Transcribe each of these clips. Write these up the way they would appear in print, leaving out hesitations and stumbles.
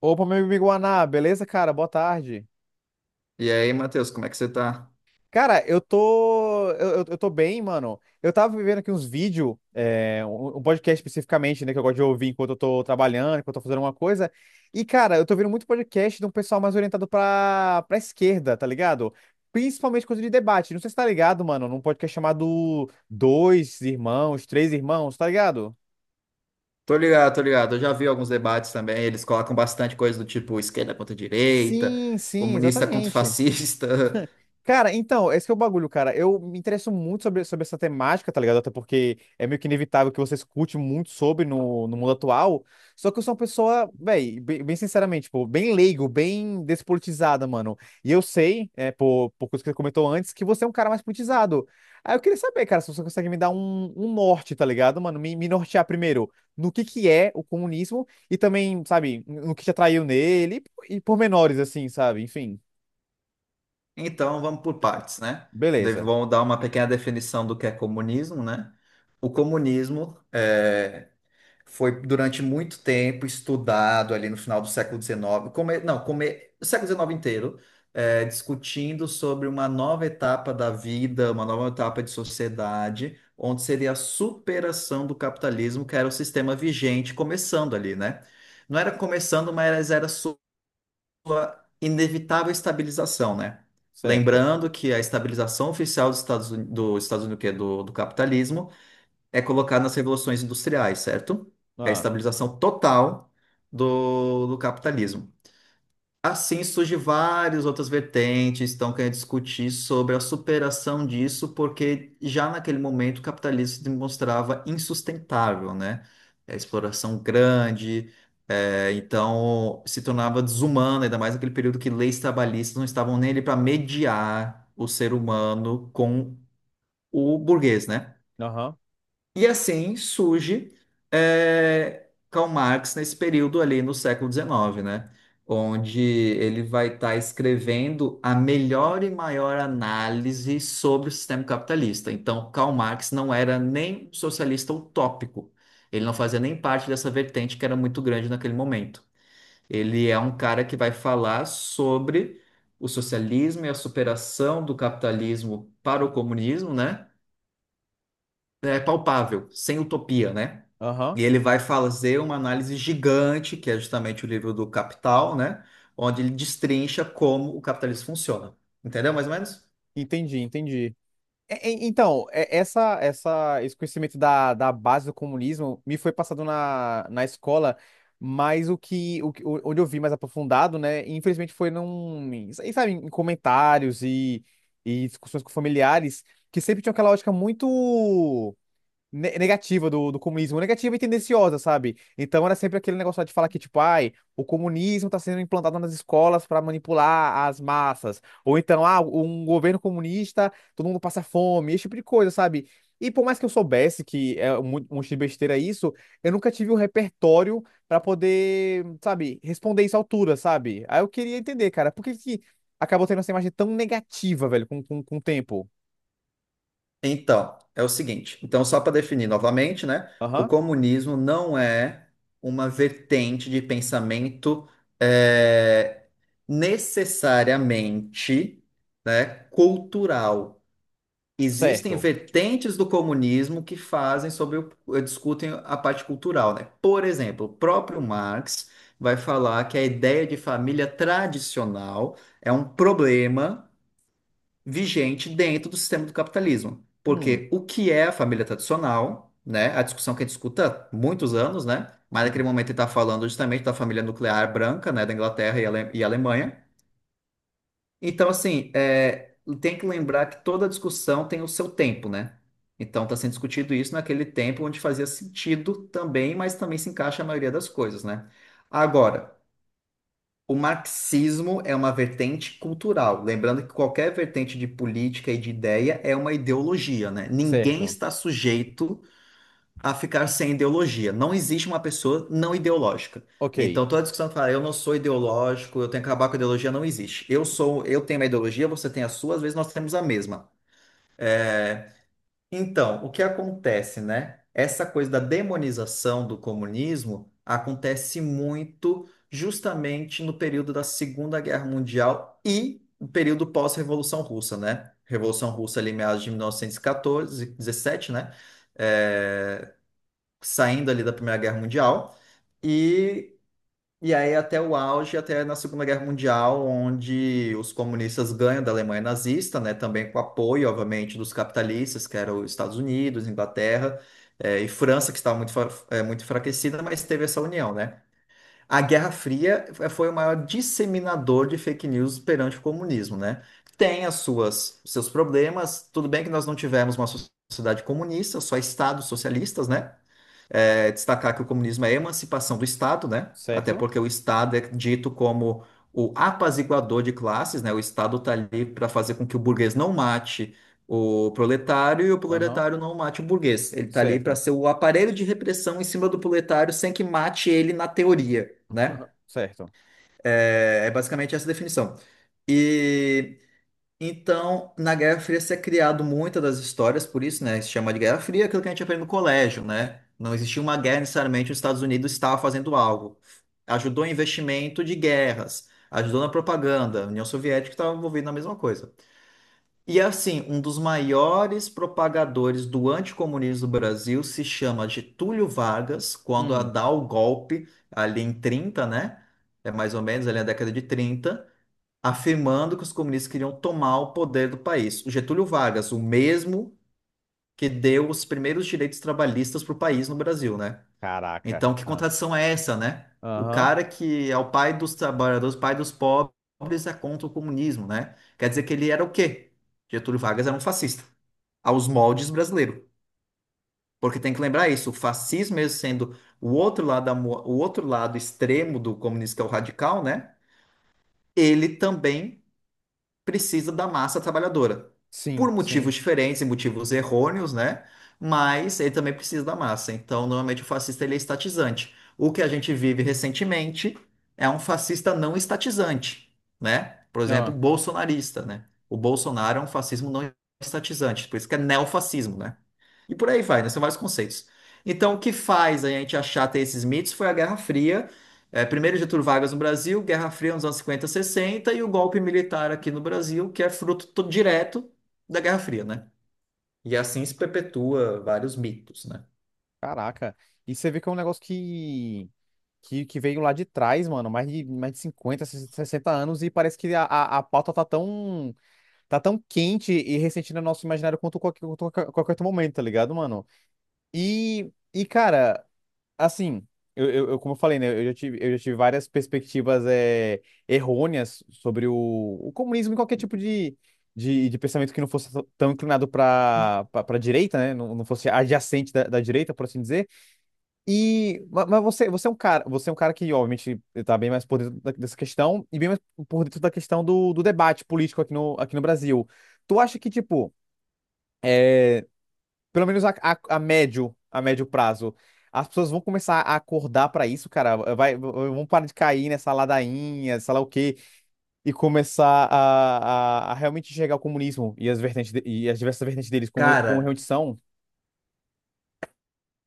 Opa, meu amigo Guaná, beleza, cara? Boa tarde. E aí, Matheus, como é que você tá? Cara, eu tô. Eu tô bem, mano. Eu tava vivendo aqui uns vídeos, um podcast especificamente, né? Que eu gosto de ouvir enquanto eu tô trabalhando, enquanto eu tô fazendo uma coisa. E, cara, eu tô vendo muito podcast de um pessoal mais orientado pra esquerda, tá ligado? Principalmente coisa de debate. Não sei se tá ligado, mano, num podcast chamado Dois Irmãos, Três Irmãos, tá ligado? Tô ligado, tô ligado. Eu já vi alguns debates também. Eles colocam bastante coisa do tipo esquerda contra direita, Sim, sim, comunista contra exatamente. fascista. Cara, então, esse que é o bagulho, cara. Eu me interesso muito sobre essa temática, tá ligado? Até porque é meio que inevitável que você escute muito sobre no mundo atual. Só que eu sou uma pessoa, véi, bem sinceramente, tipo, bem leigo, bem despolitizada, mano. E eu sei, é, por coisa que você comentou antes, que você é um cara mais politizado. Aí eu queria saber, cara, se você consegue me dar um norte, tá ligado, mano? Me nortear primeiro no que é o comunismo e também, sabe, no que te atraiu nele e pormenores, assim, sabe? Enfim, Então, vamos por partes, né? Beleza, Vamos dar uma pequena definição do que é comunismo, né? O comunismo é, foi durante muito tempo estudado ali no final do século XIX, come, não, come, o século XIX inteiro, é, discutindo sobre uma nova etapa da vida, uma nova etapa de sociedade, onde seria a superação do capitalismo, que era o sistema vigente começando ali, né? Não era começando, mas era inevitável estabilização, né? certo. Lembrando que a estabilização oficial dos Estados Unidos, que é do capitalismo, é colocado nas revoluções industriais, certo? É a Ah, estabilização total do capitalismo. Assim surge várias outras vertentes, que estão querendo discutir sobre a superação disso, porque já naquele momento o capitalismo se demonstrava insustentável, né? É a exploração grande, é, então se tornava desumano, ainda mais naquele período que leis trabalhistas não estavam nele para mediar o ser humano com o burguês, né? aham, E assim surge Karl Marx nesse período ali no século XIX, né? Onde ele vai estar escrevendo a melhor e maior análise sobre o sistema capitalista. Então, Karl Marx não era nem um socialista utópico. Ele não fazia nem parte dessa vertente que era muito grande naquele momento. Ele é um cara que vai falar sobre o socialismo e a superação do capitalismo para o comunismo, né? É palpável, sem utopia, né? aham. E ele vai fazer uma análise gigante, que é justamente o livro do Capital, né? Onde ele destrincha como o capitalismo funciona. Entendeu, mais ou menos? Entendi, entendi. Então, esse conhecimento da base do comunismo me foi passado na escola, mas onde eu vi mais aprofundado, né, infelizmente foi sabe, em comentários e discussões com familiares, que sempre tinham aquela lógica muito. Negativa do comunismo, negativa e tendenciosa, sabe? Então era sempre aquele negócio lá de falar que, tipo, ai, o comunismo tá sendo implantado nas escolas para manipular as massas, ou então, ah, um governo comunista, todo mundo passa fome, esse tipo de coisa, sabe? E por mais que eu soubesse que é um monte de besteira isso, eu nunca tive um repertório para poder, sabe, responder isso à altura, sabe? Aí eu queria entender, cara, por que que acabou tendo essa imagem tão negativa, velho, com o tempo? Então, é o seguinte. Então, só para definir novamente, né? O Aham, comunismo não é uma vertente de pensamento eh, necessariamente, né, cultural. Existem certo. vertentes do comunismo que fazem sobre discutem a parte cultural, né? Por exemplo, o próprio Marx vai falar que a ideia de família tradicional é um problema vigente dentro do sistema do capitalismo, Hum, porque o que é a família tradicional, né? A discussão que a gente escuta há muitos anos, né? Mas naquele sim. momento ele está falando justamente da família nuclear branca, né? Da Inglaterra e Alemanha. Então, assim, é, tem que lembrar que toda discussão tem o seu tempo, né? Então, está sendo discutido isso naquele tempo onde fazia sentido também, mas também se encaixa a maioria das coisas, né? Agora, o marxismo é uma vertente cultural. Lembrando que qualquer vertente de política e de ideia é uma ideologia, né? Ninguém Certo. está sujeito a ficar sem ideologia. Não existe uma pessoa não ideológica. Ok. Então, toda discussão que fala, eu não sou ideológico, eu tenho que acabar com a ideologia, não existe. Eu sou, eu tenho uma ideologia, você tem a sua, às vezes nós temos a mesma. Então, o que acontece, né? Essa coisa da demonização do comunismo acontece muito justamente no período da Segunda Guerra Mundial e o período pós-Revolução Russa, né? Revolução Russa ali, meados de 1914, dezessete, né? Eh, Saindo ali da Primeira Guerra Mundial, e, e aí até o auge, até na Segunda Guerra Mundial, onde os comunistas ganham da Alemanha nazista, né, também com apoio, obviamente, dos capitalistas, que eram os Estados Unidos, Inglaterra, e França, que estava muito enfraquecida, mas teve essa união, né? A Guerra Fria foi o maior disseminador de fake news perante o comunismo, né? Tem as suas, seus problemas, tudo bem que nós não tivemos uma sociedade comunista, só estados socialistas, né? É destacar que o comunismo é a emancipação do Estado, né? Até Certo? porque o Estado é dito como o apaziguador de classes, né? O Estado está ali para fazer com que o burguês não mate o proletário e o Aham. proletário não mate o burguês. Ele está ali para Certo. ser o aparelho de repressão em cima do proletário sem que mate ele na teoria, né? Certo. É, é basicamente essa definição. E então, na Guerra Fria se é criado muitas das histórias, por isso, né, se chama de Guerra Fria, aquilo que a gente aprende no colégio, né? Não existia uma guerra necessariamente, os Estados Unidos estava fazendo algo. Ajudou em investimento de guerras, ajudou na propaganda, a União Soviética estava envolvida na mesma coisa. E assim, um dos maiores propagadores do anticomunismo do Brasil se chama Getúlio Vargas, quando a Hum. dá o golpe ali em 30, né? É mais ou menos ali na década de trinta, afirmando que os comunistas queriam tomar o poder do país. O Getúlio Vargas, o mesmo que deu os primeiros direitos trabalhistas para o país no Brasil, né? Então, Caraca. que Ah. contradição é essa, né? O Aham. cara que é o pai dos trabalhadores, pai dos pobres, é contra o comunismo, né? Quer dizer que ele era o quê? Getúlio Vargas era um fascista, aos moldes brasileiro. Porque tem que lembrar isso, o fascismo mesmo sendo o outro lado extremo do comunismo, que é o radical, né? Ele também precisa da massa trabalhadora. Por Sim, sim. motivos diferentes e motivos errôneos, né? Mas ele também precisa da massa. Então, normalmente o fascista ele é estatizante. O que a gente vive recentemente é um fascista não estatizante, né? Por exemplo, Ah. bolsonarista, né? O Bolsonaro é um fascismo não estatizante, por isso que é neofascismo, né? E por aí vai, né? São vários conceitos. Então, o que faz a gente achar ter esses mitos foi a Guerra Fria, é, primeiro Getúlio Vargas no Brasil, Guerra Fria nos anos 50 60 e o golpe militar aqui no Brasil, que é fruto direto da Guerra Fria, né? E assim se perpetua vários mitos, né? Caraca. E você vê que é um negócio que veio lá de trás, mano. Mais de 50, 60 anos. E parece que a pauta tá tão quente e recente no nosso imaginário quanto qualquer outro momento, tá ligado, mano? E cara, assim, como eu falei, né, eu já tive várias perspectivas é, errôneas sobre o comunismo e qualquer tipo de pensamento que não fosse tão inclinado para para direita, né, não fosse adjacente da direita, por assim dizer. E, mas você, você é um cara, você é um cara que, obviamente, está bem mais por dentro dessa questão e bem mais por dentro da questão do debate político aqui aqui no Brasil. Tu acha que, tipo, pelo menos a médio prazo, as pessoas vão começar a acordar pra isso, cara. Vai, vão parar de cair nessa ladainha, sei lá o quê, e começar a realmente enxergar o comunismo e as e as diversas vertentes deles como, como Cara, realmente são.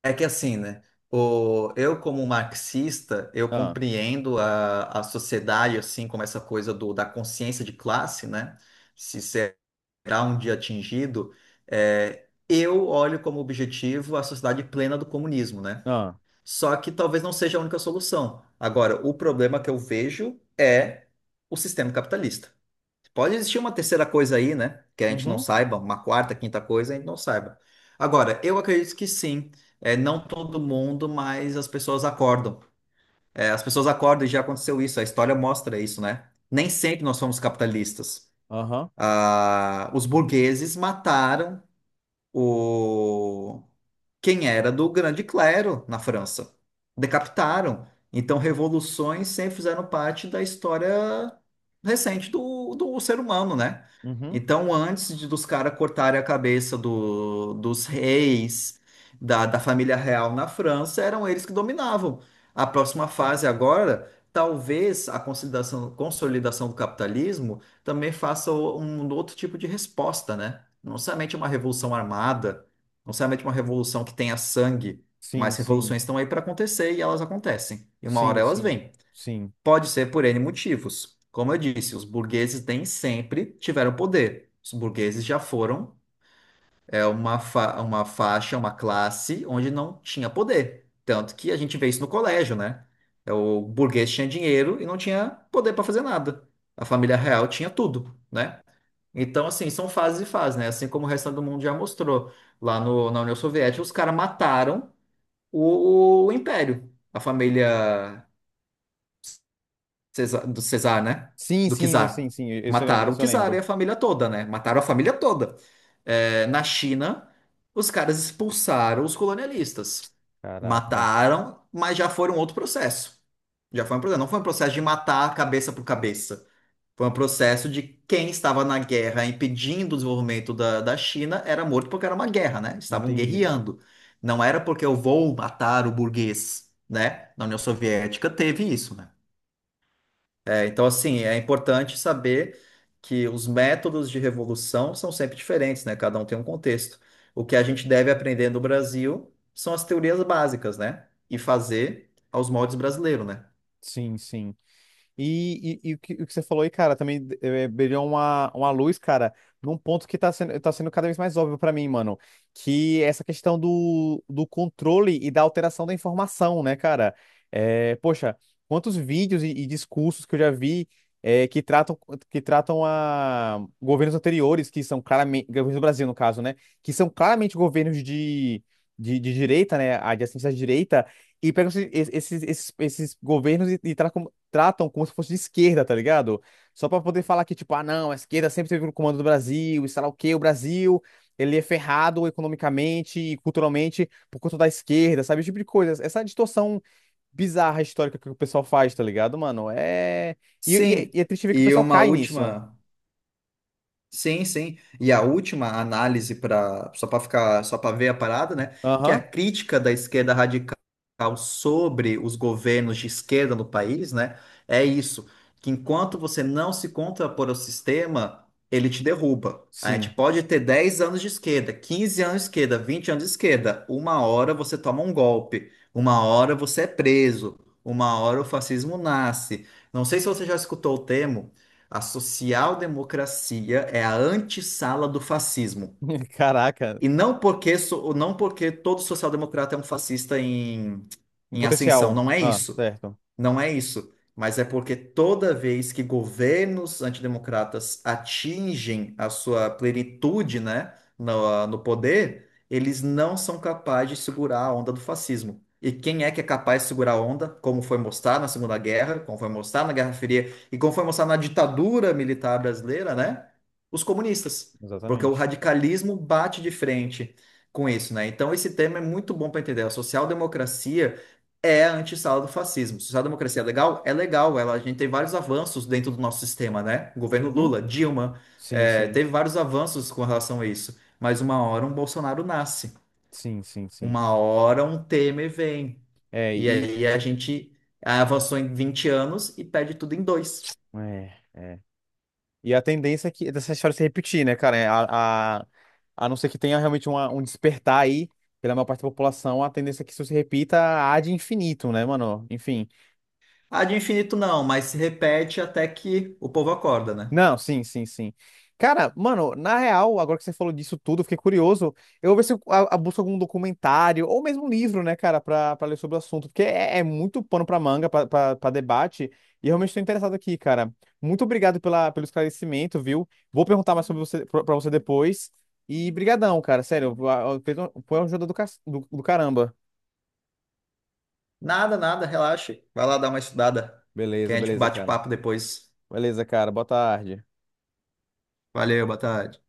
é que assim, né? Eu, como marxista, eu Ah, compreendo a sociedade, assim, como essa coisa do, da consciência de classe, né? Se será um dia atingido, é, eu olho como objetivo a sociedade plena do comunismo, né? ah, Só que talvez não seja a única solução. Agora, o problema que eu vejo é o sistema capitalista. Pode existir uma terceira coisa aí, né? Que a gente não uhum, saiba, uma quarta, quinta coisa, a gente não saiba. Agora, eu acredito que sim. É, não todo mundo, mas as pessoas acordam. É, as pessoas acordam e já aconteceu isso. A história mostra isso, né? Nem sempre nós somos capitalistas. aham, Ah, os burgueses mataram quem era do grande clero na França. Decapitaram. Então, revoluções sempre fizeram parte da história recente do ser humano, né? uhum. Então, antes de, dos caras cortarem a cabeça dos reis, da família real na França, eram eles que dominavam. A próxima fase agora, talvez a consolidação, consolidação do capitalismo também faça um outro tipo de resposta, né? Não somente uma revolução armada, não necessariamente uma revolução que tenha sangue, Sim, mas sim, revoluções estão aí para acontecer e elas acontecem. E uma hora sim, elas sim, vêm. sim. Pode ser por N motivos. Como eu disse, os burgueses nem sempre tiveram poder. Os burgueses já foram é, uma faixa, uma classe onde não tinha poder. Tanto que a gente vê isso no colégio, né? É, o burguês tinha dinheiro e não tinha poder para fazer nada. A família real tinha tudo, né? Então, assim, são fases e fases, né? Assim como o resto do mundo já mostrou. Lá no, na União Soviética, os caras mataram o Império, a família do Cesar, né? Sim, Do sim, né, sim, Czar. sim, isso eu lembro. Mataram o Isso eu Czar e lembro. a família toda, né? Mataram a família toda. É, na China, os caras expulsaram os colonialistas. Caraca, Mataram, mas já foi um outro processo. Já foi um processo. Não foi um processo de matar cabeça por cabeça. Foi um processo de quem estava na guerra impedindo o desenvolvimento da China era morto porque era uma guerra, né? Estavam entendi. guerreando. Não era porque eu vou matar o burguês, né? Na União Soviética teve isso, né? É, então, assim, é importante saber que os métodos de revolução são sempre diferentes, né? Cada um tem um contexto. O que a gente deve aprender no Brasil são as teorias básicas, né? E fazer aos moldes brasileiros, né? Sim, sim. E o que você falou aí, cara, também eh, brilhou uma luz, cara, num ponto que tá sendo cada vez mais óbvio pra mim, mano, que é essa questão do controle e da alteração da informação, né, cara? Eh, poxa, quantos vídeos e discursos que eu já vi eh, que tratam a governos anteriores, que são claramente, governos do Brasil, no caso, né, que são claramente governos de direita, né, a de assistência à direita, e pegam esses governos e tratam, tratam como se fosse de esquerda, tá ligado? Só pra poder falar que, tipo, ah, não, a esquerda sempre teve o comando do Brasil, e sei lá o quê, o Brasil, ele é ferrado economicamente e culturalmente por conta da esquerda, sabe? Esse tipo de coisa. Essa distorção bizarra histórica que o pessoal faz, tá ligado, mano? É. E, e- Sim, e é triste ver que o e pessoal uma cai nisso. última. Sim, sim. E a última análise para só para ficar só para ver a parada, né? Que é a Aham, crítica da esquerda radical sobre os governos de esquerda no país, né? É isso, que enquanto você não se contrapor ao sistema, ele te derruba. A gente sim. pode ter 10 anos de esquerda, 15 anos de esquerda, 20 anos de esquerda. Uma hora você toma um golpe, uma hora você é preso, uma hora o fascismo nasce. Não sei se você já escutou o termo a social-democracia é a antessala do fascismo. Caraca, E não porque, não porque todo social-democrata é um fascista em, em em ascensão, potencial. não é Ah, isso. certo. Não é isso, mas é porque toda vez que governos antidemocratas atingem a sua plenitude, né, no poder, eles não são capazes de segurar a onda do fascismo. E quem é que é capaz de segurar a onda, como foi mostrado na Segunda Guerra, como foi mostrado na Guerra Fria e como foi mostrado na ditadura militar brasileira, né? Os comunistas. Porque o Exatamente. radicalismo bate de frente com isso, né? Então esse tema é muito bom para entender. A social-democracia é a antessala do fascismo. Social-democracia é legal? É legal. Ela, a gente tem vários avanços dentro do nosso sistema, né? Governo Uhum. Lula, Dilma, Sim, é, sim. teve vários avanços com relação a isso. Mas uma hora um Bolsonaro nasce. Sim, sim, sim. Uma hora um Temer vem. É, E e. aí a gente avançou em 20 anos e perde tudo em dois. É, é. E a tendência é que dessa história se repetir, né, cara? É, a não ser que tenha realmente um despertar aí pela maior parte da população, a tendência é que isso se repita há de infinito, né, mano? Enfim. Ah, de infinito não, mas se repete até que o povo acorda, né? Não, sim, sim, sim. Cara, mano, na real, agora que você falou disso tudo, eu fiquei curioso. Eu vou ver se eu busco algum documentário ou mesmo um livro, né, cara, pra, pra ler sobre o assunto, porque é, é muito pano pra manga, pra debate, e realmente estou interessado aqui, cara. Muito obrigado pela, pelo esclarecimento, viu? Vou perguntar mais sobre você, pra você depois. E brigadão, cara, sério, foi uma ajuda do do caramba. Nada, nada, relaxe. Vai lá dar uma estudada, que Beleza, a gente beleza, bate cara. papo depois. Beleza, cara, boa tarde. Valeu, boa tarde.